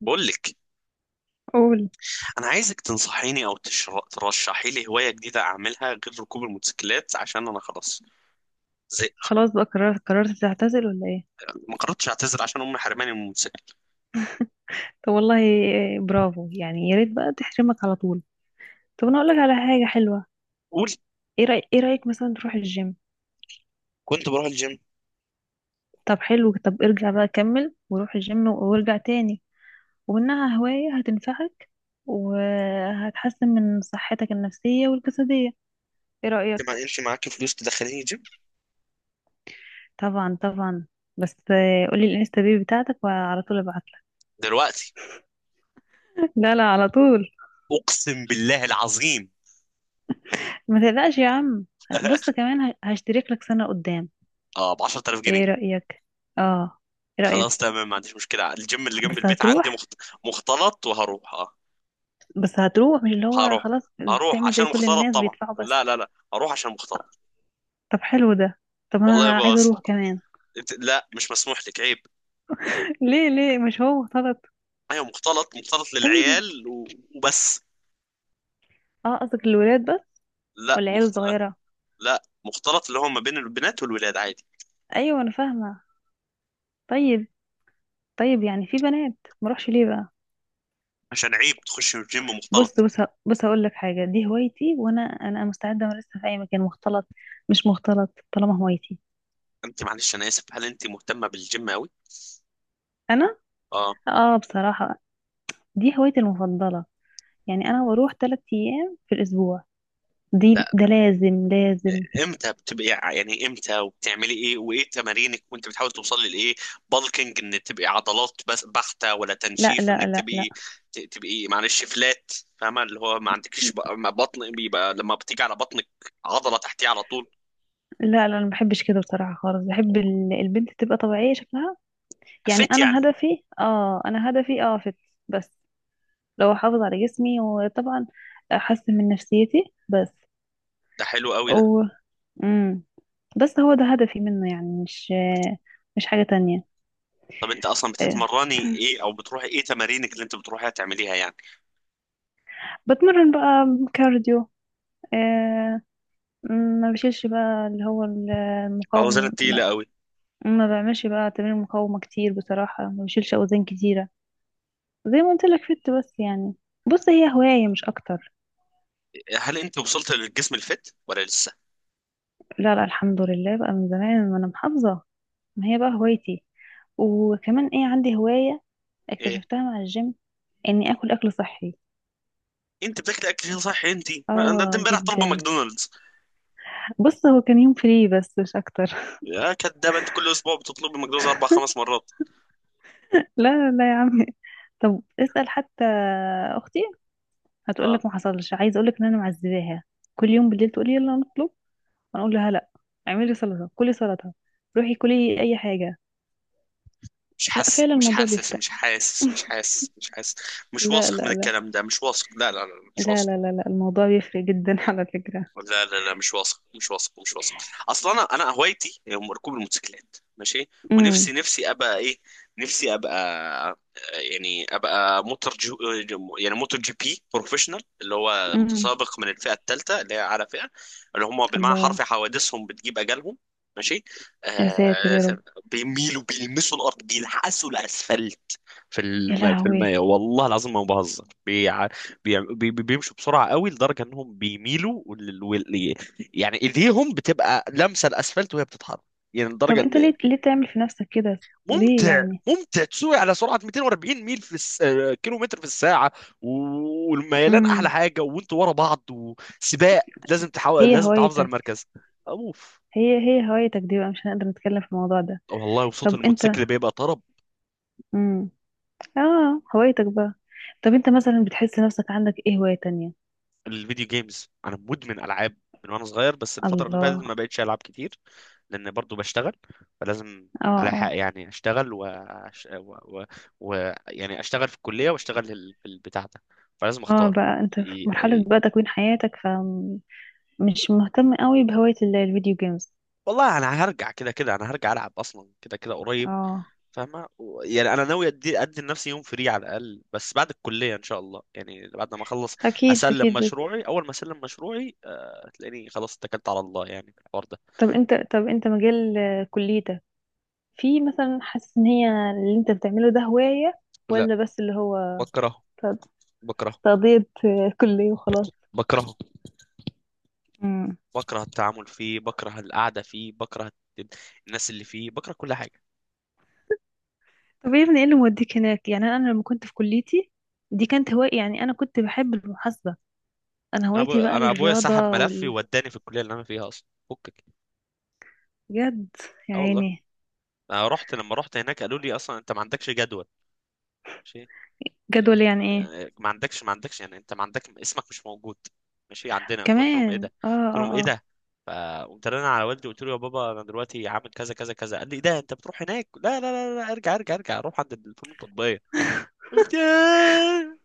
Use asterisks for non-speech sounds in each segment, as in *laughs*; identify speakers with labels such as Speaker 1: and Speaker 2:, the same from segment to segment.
Speaker 1: بقول لك.
Speaker 2: قول.
Speaker 1: انا عايزك تنصحيني او ترشحي لي هوايه جديده اعملها غير ركوب الموتوسيكلات عشان انا خلاص زهقت.
Speaker 2: خلاص بقى قررت تعتزل ولا ايه؟
Speaker 1: ما قررتش اعتذر عشان امي حرماني من الموتوسيكل.
Speaker 2: طب والله إيه، برافو يعني، يا ريت بقى تحرمك على طول. طب انا اقول لك على حاجه حلوه.
Speaker 1: قول.
Speaker 2: ايه رايك مثلا تروح الجيم؟
Speaker 1: كنت بروح الجيم.
Speaker 2: طب حلو. طب ارجع بقى كمل وروح الجيم وارجع تاني. ومنها هوايه هتنفعك، وهتحسن من صحتك النفسيه والجسديه. ايه
Speaker 1: انت ما
Speaker 2: رايك؟
Speaker 1: كانش معاك فلوس تدخليني جيم؟
Speaker 2: طبعا طبعا. بس، قولي الانستا بيج بتاعتك وعلى طول ابعت لك.
Speaker 1: دلوقتي؟
Speaker 2: لا لا، على طول.
Speaker 1: اقسم بالله العظيم.
Speaker 2: ما تقلقش يا عم. بص،
Speaker 1: *laughs*
Speaker 2: كمان هشترك لك سنه قدام.
Speaker 1: اه، ب 10000
Speaker 2: ايه
Speaker 1: جنيه
Speaker 2: رأيك؟ اه. ايه رأيك؟
Speaker 1: خلاص، تمام، ما عنديش مشكله. الجيم اللي جنب
Speaker 2: بس
Speaker 1: البيت عندي
Speaker 2: هتروح
Speaker 1: مختلط، وهروح، اه.
Speaker 2: بس هتروح، مش اللي هو
Speaker 1: هروح.
Speaker 2: خلاص.
Speaker 1: هروح
Speaker 2: تعمل زي
Speaker 1: عشان
Speaker 2: كل
Speaker 1: مختلط
Speaker 2: الناس،
Speaker 1: طبعا.
Speaker 2: بيدفعوا بس.
Speaker 1: لا لا لا، هروح عشان مختلط.
Speaker 2: طب حلو ده. طب
Speaker 1: والله يا
Speaker 2: انا عايزة
Speaker 1: بس.
Speaker 2: اروح كمان.
Speaker 1: لا مش مسموح لك، عيب.
Speaker 2: *laughs* ليه؟ ليه مش هو غلط؟
Speaker 1: ايوه، مختلط، مختلط
Speaker 2: طيب.
Speaker 1: للعيال وبس.
Speaker 2: اه، قصدك الولاد بس؟ ولا
Speaker 1: لا
Speaker 2: العيال
Speaker 1: مخت...
Speaker 2: الصغيرة؟
Speaker 1: لا مختلط، اللي هو ما بين البنات والولاد عادي.
Speaker 2: ايوه، انا فاهمة. طيب. طيب يعني في بنات، ما اروحش ليه بقى؟
Speaker 1: عشان عيب تخش الجيم
Speaker 2: بص
Speaker 1: مختلط.
Speaker 2: بص. بص هقول لك حاجة. دي هوايتي، وانا مستعدة امارسها في اي مكان، مختلط مش مختلط، طالما هوايتي.
Speaker 1: انت معلش، انا اسف، هل انت مهتمه بالجيم قوي؟
Speaker 2: انا.
Speaker 1: اه.
Speaker 2: اه بصراحة، دي هوايتي المفضلة. يعني انا بروح 3 ايام في الاسبوع.
Speaker 1: لا.
Speaker 2: دي. ده لازم لازم.
Speaker 1: امتى يعني امتى، وبتعملي ايه، وايه تمارينك، وانت بتحاول توصلي لايه؟ بالكينج ان تبقي عضلات بس بحته، ولا
Speaker 2: لا
Speaker 1: تنشيف
Speaker 2: لا
Speaker 1: انك
Speaker 2: لا لا.
Speaker 1: تبقي تبقي معلش فلات؟ فاهمه اللي هو ما عندكيش
Speaker 2: لا
Speaker 1: ما بطن، بيبقى لما بتيجي على بطنك عضله تحتيه على طول،
Speaker 2: لا. انا ما بحبش كده بصراحه خالص. بحب البنت تبقى طبيعيه شكلها. يعني
Speaker 1: فت يعني.
Speaker 2: انا هدفي فت بس. لو احافظ على جسمي، وطبعا احسن من نفسيتي، بس.
Speaker 1: ده حلو قوي ده.
Speaker 2: و امم بس هو ده هدفي منه، يعني مش مش حاجه تانية.
Speaker 1: طب انت اصلا
Speaker 2: إيه.
Speaker 1: بتتمرني ايه،
Speaker 2: *clears throat*
Speaker 1: او بتروحي ايه تمارينك اللي انت بتروحيها تعمليها يعني؟
Speaker 2: بتمرن بقى كارديو. آه، ما بشيلش بقى اللي هو
Speaker 1: اوزان
Speaker 2: المقاومة.
Speaker 1: تقيله قوي؟
Speaker 2: ما بعملش بقى تمارين مقاومة كتير بصراحة، ما بشيلش أوزان كتيرة. زي ما قلت لك، فت بس يعني. بص، هي هواية مش أكتر.
Speaker 1: هل انت وصلت للجسم الفت ولا لسه؟
Speaker 2: لا لا، الحمد لله، بقى من زمان وأنا محافظة. ما هي بقى هوايتي. وكمان إيه، عندي هواية
Speaker 1: ايه؟
Speaker 2: اكتشفتها مع الجيم، إني آكل أكل صحي.
Speaker 1: انت بتاكل اكل صحي انت؟ انت
Speaker 2: آه
Speaker 1: امبارح طالبه
Speaker 2: جدا.
Speaker 1: ماكدونالدز.
Speaker 2: بص، هو كان يوم فري بس مش أكتر. *laughs*
Speaker 1: يا كدابه انت، كل اسبوع بتطلبي ماكدونالدز اربع خمس مرات.
Speaker 2: لا لا يا عمي. طب اسأل حتى أختي،
Speaker 1: اه.
Speaker 2: هتقولك ما حصلش. عايزة أقولك إن أنا معذباها، كل يوم بالليل تقولي يلا نطلب، هنقول لها لا، اعملي سلطة، كلي سلطة، روحي كلي اي حاجة.
Speaker 1: مش
Speaker 2: لا فعلا
Speaker 1: حاسك، مش
Speaker 2: الموضوع
Speaker 1: حاسس،
Speaker 2: بيفرق.
Speaker 1: مش حاسس، مش حاسس، مش حاسس. مش
Speaker 2: لا
Speaker 1: واثق من
Speaker 2: لا لا
Speaker 1: الكلام ده، مش واثق، لا لا لا، مش
Speaker 2: لا.
Speaker 1: واثق.
Speaker 2: لا لا, لا. الموضوع بيفرق جدا *laughs* على فكرة.
Speaker 1: لا لا لا، مش واثق، مش واثق، مش واثق. اصلا انا هوايتي هي ركوب الموتوسيكلات، ماشي.
Speaker 2: امم.
Speaker 1: ونفسي، نفسي ابقى ايه؟ نفسي ابقى، يعني ابقى موتور جو، يعني موتور جي بي بروفيشنال، اللي هو
Speaker 2: امم.
Speaker 1: متسابق من الفئه الثالثه، اللي هي اعلى فئه. اللي هم بالمعنى
Speaker 2: الله.
Speaker 1: الحرفي حوادثهم بتجيب اجالهم، ماشي،
Speaker 2: يا ساتر
Speaker 1: آه.
Speaker 2: يا رب.
Speaker 1: بيميلوا، بيلمسوا الارض، بيلحسوا الاسفلت.
Speaker 2: يا
Speaker 1: في
Speaker 2: لهوي.
Speaker 1: المية والله العظيم ما بهزر، بيمشوا بسرعة قوي لدرجة انهم بيميلوا، يعني ايديهم بتبقى لامسة الاسفلت وهي بتتحرك، يعني
Speaker 2: طب
Speaker 1: لدرجة
Speaker 2: انت،
Speaker 1: ان
Speaker 2: ليه تعمل في نفسك كده؟ ليه
Speaker 1: ممتع.
Speaker 2: يعني؟
Speaker 1: ممتع تسوق على سرعة 240 ميل في الس... آه، كيلو متر في الساعة. والميلان احلى
Speaker 2: امم.
Speaker 1: حاجة، وانتوا ورا بعض وسباق، لازم تحاول،
Speaker 2: هي
Speaker 1: لازم تحافظ على
Speaker 2: هوايتك.
Speaker 1: المركز. اوف.
Speaker 2: هي هوايتك دي بقى، مش هنقدر نتكلم في الموضوع ده.
Speaker 1: والله وصوت
Speaker 2: طب انت.
Speaker 1: الموتوسيكل بيبقى طرب.
Speaker 2: امم اه هوايتك بقى. طب انت مثلا بتحس نفسك عندك ايه هواية تانية؟
Speaker 1: الفيديو جيمز، انا مدمن العاب من وانا صغير، بس الفتره اللي فاتت
Speaker 2: الله.
Speaker 1: ما بقتش العب كتير لان برضو بشتغل، فلازم
Speaker 2: اه.
Speaker 1: الحق
Speaker 2: آه.
Speaker 1: يعني اشتغل و... وأش- و... و... و... يعني اشتغل في الكليه واشتغل في البتاع ده، فلازم
Speaker 2: اه،
Speaker 1: اختار.
Speaker 2: بقى انت في مرحلة
Speaker 1: ي-
Speaker 2: بقى تكوين حياتك، فمش مهتم قوي بهواية الفيديو جيمز.
Speaker 1: والله انا هرجع كده كده، انا هرجع العب اصلا كده كده قريب.
Speaker 2: اه.
Speaker 1: فاهمه، يعني انا ناوي ادي لنفسي يوم فري على الاقل، بس بعد الكليه ان شاء الله، يعني بعد ما اخلص
Speaker 2: اكيد
Speaker 1: اسلم
Speaker 2: اكيد.
Speaker 1: مشروعي. اول ما اسلم مشروعي، تلاقيني خلاص اتكلت على الله يعني في الحوار ده.
Speaker 2: طب انت مجال كليتك، في مثلا، حاسس ان هي اللي انت بتعمله ده هواية؟
Speaker 1: لا.
Speaker 2: ولا بس اللي هو
Speaker 1: بكره،
Speaker 2: ت-
Speaker 1: بكره،
Speaker 2: تقضية كلية وخلاص؟
Speaker 1: بكره،
Speaker 2: مم.
Speaker 1: بكره التعامل فيه، بكره القعده فيه، بكره الت- الناس اللي فيه، بكره كل حاجه.
Speaker 2: طب يا ابني، ايه اللي موديك هناك؟ يعني أنا لما كنت في كليتي، دي كانت هواية. يعني انا كنت بحب المحاسبة. انا هوايتي بقى
Speaker 1: انا ابويا سحب
Speaker 2: الرياضة
Speaker 1: ملفي
Speaker 2: وال...
Speaker 1: ووداني في الكليه اللي انا فيها اصلا، فكك.
Speaker 2: بجد؟ يا
Speaker 1: اه والله.
Speaker 2: عيني.
Speaker 1: انا رحت لما رحت هناك قالوا لي اصلا انت ما عندكش جدول، ماشي. قلت
Speaker 2: جدول
Speaker 1: لهم،
Speaker 2: يعني ايه؟
Speaker 1: يعني ما عندكش، يعني انت ما عندك، اسمك مش موجود ماشي عندنا. فقلت لهم ايه ده؟
Speaker 2: كمان اه
Speaker 1: قلت لهم ايه
Speaker 2: اه اه.
Speaker 1: ده؟ فقمت رن على والدي، قلت له يا بابا انا دلوقتي عامل كذا كذا كذا. قال لي ايه ده، انت بتروح هناك؟ لا لا لا لا، ارجع ارجع ارجع، روح عند الفنون التطبيقيه. قلت ياه.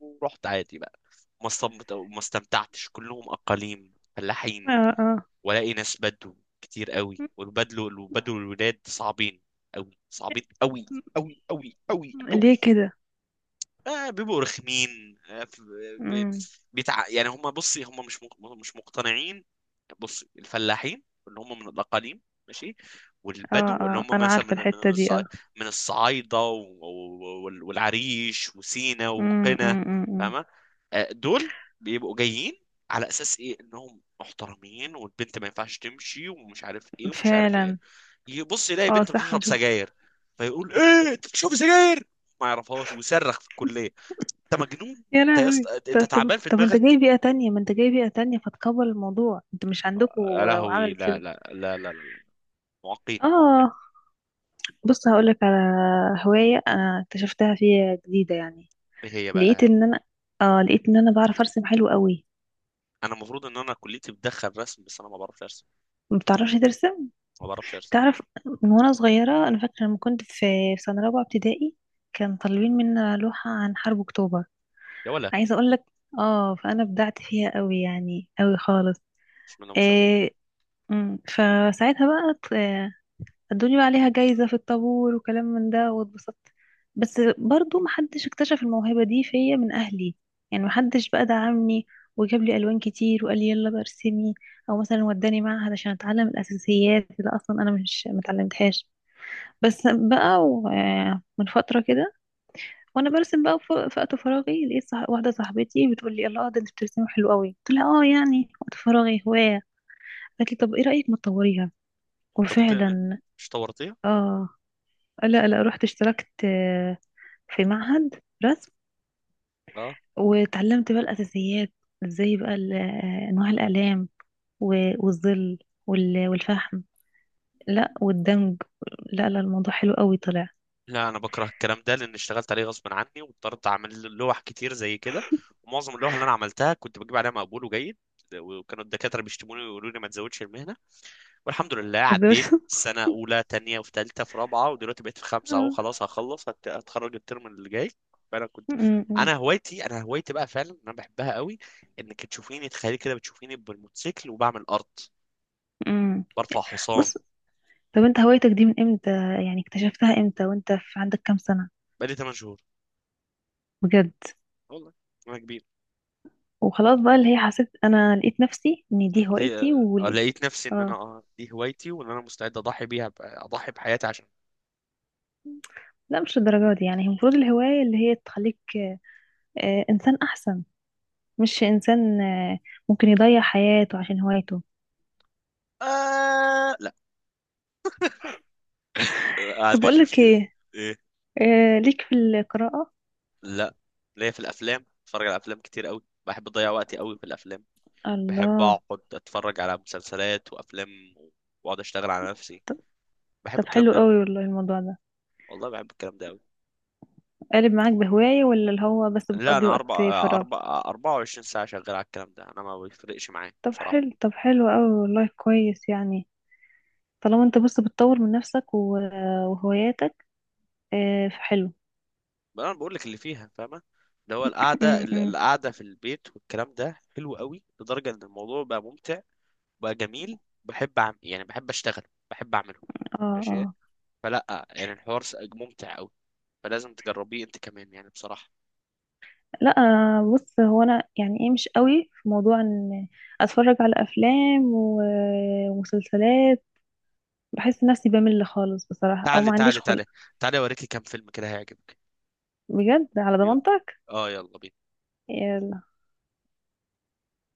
Speaker 1: ورحت عادي بقى. ما استمتعتش، كلهم أقاليم فلاحين،
Speaker 2: اه اه.
Speaker 1: ولاقي ناس بدو كتير قوي.
Speaker 2: م-
Speaker 1: والبدو، البدو، الولاد صعبين قوي، صعبين قوي، قوي قوي قوي
Speaker 2: ليه
Speaker 1: قوي.
Speaker 2: كده؟
Speaker 1: آه بيبقوا رخمين. بي-
Speaker 2: امم.
Speaker 1: يعني هم، بصي، هم مش مش مقتنعين. بصي، الفلاحين اللي هم من الاقاليم، ماشي،
Speaker 2: اه
Speaker 1: والبدو اللي
Speaker 2: اه،
Speaker 1: هم
Speaker 2: انا
Speaker 1: مثلا
Speaker 2: عارفة
Speaker 1: من
Speaker 2: الحتة دي اه.
Speaker 1: الصعايده والعريش وسينا
Speaker 2: امم.
Speaker 1: وقنا،
Speaker 2: امم.
Speaker 1: فاهمه؟ آه، دول بيبقوا جايين على اساس ايه انهم محترمين، والبنت ما ينفعش تمشي، ومش عارف ايه ومش عارف ايه،
Speaker 2: فعلا.
Speaker 1: يبص يلاقي
Speaker 2: اه
Speaker 1: بنت
Speaker 2: صح، انا
Speaker 1: بتشرب
Speaker 2: شفت.
Speaker 1: سجاير، فيقول ايه انت بتشرب سجاير، ما يعرفهاش، ويصرخ في الكليه، انت مجنون
Speaker 2: يا
Speaker 1: انت يا
Speaker 2: لهوي.
Speaker 1: اسطى، انت
Speaker 2: طب طب
Speaker 1: تعبان في
Speaker 2: طب انت جاي
Speaker 1: دماغك.
Speaker 2: بيئة تانية، ما انت جاي بيئة تانية، فتكبر الموضوع، انت مش عندكوا؟
Speaker 1: يا لهوي.
Speaker 2: وعملت
Speaker 1: لا
Speaker 2: كده.
Speaker 1: لا لا لا, لا. معاقين، معاقين.
Speaker 2: اه. بص هقولك على هواية انا اكتشفتها فيها جديدة يعني.
Speaker 1: ايه هي
Speaker 2: لقيت
Speaker 1: بقى؟
Speaker 2: ان انا، اه، لقيت ان انا بعرف ارسم حلو قوي.
Speaker 1: انا المفروض ان انا كليتي بتدخل رسم، بس انا ما بعرفش ارسم،
Speaker 2: ما بتعرفش ترسم؟
Speaker 1: ما بعرفش ارسم.
Speaker 2: تعرف. من وانا صغيرة، انا فاكرة لما كنت في سنة رابعة ابتدائي، كان طالبين منا لوحة عن حرب اكتوبر.
Speaker 1: يا ولا،
Speaker 2: عايزة اقول لك، اه، فانا بدعت فيها قوي، يعني قوي خالص.
Speaker 1: بسم الله ما شاء الله.
Speaker 2: إيه. فساعتها بقى ادوني بقى عليها جايزة في الطابور، وكلام من ده، واتبسطت. بس برضو محدش اكتشف الموهبة دي فيا من اهلي. يعني محدش بقى دعمني، وجاب لي الوان كتير، وقال لي يلا بقى ارسمي. او مثلا وداني معهد عشان اتعلم الاساسيات اللي اصلا انا مش متعلمتهاش. بس بقى من فترة كده، وانا برسم بقى في وقت فراغي، لقيت واحدة صاحبتي بتقول لي الله، ده انت بترسمي حلو قوي. قلت لها اه، يعني وقت فراغي هواية. قالت لي طب ايه رأيك ما تطوريها؟
Speaker 1: طب انت
Speaker 2: وفعلا.
Speaker 1: مش طورتيها؟
Speaker 2: اه. لا لا، رحت اشتركت في معهد رسم.
Speaker 1: اه،
Speaker 2: واتعلمت بقى الأساسيات، ازاي بقى انواع الأقلام، والظل، والفحم، لا والدمج. لا لا، الموضوع حلو قوي طلع.
Speaker 1: لا. انا بكره الكلام ده لان اشتغلت عليه غصب عني، واضطريت اعمل لوح كتير زي كده، ومعظم اللوح اللي انا عملتها كنت بجيب عليها مقبول وجيد، وكانوا الدكاتره بيشتموني ويقولوا لي ما تزودش المهنه. والحمد لله،
Speaker 2: *laughs* بس-
Speaker 1: عديت سنة أولى، تانية، وفي تالتة، في رابعة، ودلوقتي بقيت في خمسة أهو،
Speaker 2: آه.
Speaker 1: خلاص هخلص، هتخرج الترم اللي جاي. فأنا كنت،
Speaker 2: م- م-
Speaker 1: أنا هوايتي بقى فعلا أنا بحبها قوي، إنك تشوفيني، تخيلي كده بتشوفيني بالموتوسيكل وبعمل أرض،
Speaker 2: م.
Speaker 1: برفع حصان.
Speaker 2: بص. طب انت هوايتك دي من امتى؟ يعني اكتشفتها امتى وانت عندك كام سنة؟
Speaker 1: بقالي 8 شهور
Speaker 2: بجد؟
Speaker 1: والله. أنا كبير.
Speaker 2: وخلاص بقى، اللي هي حسيت انا لقيت نفسي ان دي
Speaker 1: ليه؟
Speaker 2: هوايتي، وليه؟
Speaker 1: لقيت نفسي إن أنا،
Speaker 2: اه.
Speaker 1: دي هوايتي، وإن أنا مستعد أضحي بيها، أضحي بحياتي عشان.
Speaker 2: لا، مش الدرجات دي يعني. المفروض الهواية اللي هي تخليك انسان احسن، مش انسان ممكن يضيع حياته عشان هوايته.
Speaker 1: آه لا. آه، ما
Speaker 2: طب اقول
Speaker 1: عنديش
Speaker 2: لك
Speaker 1: مشكلة.
Speaker 2: ايه؟
Speaker 1: إيه؟
Speaker 2: ليك في القراءة؟
Speaker 1: لا. ليا في الأفلام، بتفرج على أفلام كتير قوي، بحب أضيع وقتي قوي في الأفلام. بحب
Speaker 2: الله.
Speaker 1: اقعد اتفرج على مسلسلات وافلام، واقعد اشتغل على نفسي،
Speaker 2: طب
Speaker 1: بحب
Speaker 2: طب
Speaker 1: الكلام
Speaker 2: حلو
Speaker 1: ده أوي.
Speaker 2: قوي والله الموضوع ده،
Speaker 1: والله بحب الكلام ده أوي.
Speaker 2: قالب معاك بهواية ولا اللي هو بس
Speaker 1: لا،
Speaker 2: بتقضي
Speaker 1: انا
Speaker 2: وقت
Speaker 1: اربع
Speaker 2: فراغ؟
Speaker 1: اربع 24 ساعه شغال على الكلام ده، انا ما بيفرقش معايا
Speaker 2: طب
Speaker 1: بصراحه.
Speaker 2: حلو، طب حلو قوي والله، كويس يعني. طالما انت، بص، بتطور من نفسك وهواياتك، فحلو.
Speaker 1: بس انا بقول لك اللي فيها، فاهمه، اللي هو القعده،
Speaker 2: م.
Speaker 1: القعده في البيت والكلام ده حلو قوي لدرجه ان الموضوع بقى ممتع، بقى جميل، بحب أعمل، يعني بحب اشتغل، بحب اعمله،
Speaker 2: اه
Speaker 1: ماشي.
Speaker 2: اه.
Speaker 1: فلا يعني الحوار ممتع قوي، فلازم تجربيه انت كمان يعني بصراحه.
Speaker 2: لا. بص، هو انا يعني ايه، مش قوي في موضوع ان اتفرج على افلام ومسلسلات، بحس نفسي بمل خالص بصراحة، او
Speaker 1: تعالي
Speaker 2: ما عنديش
Speaker 1: تعالي
Speaker 2: خلق.
Speaker 1: تعالي، تعالي اوريكي كام فيلم كده هيعجبك.
Speaker 2: بجد؟ على
Speaker 1: يلا.
Speaker 2: ضمانتك.
Speaker 1: اه يلا بينا.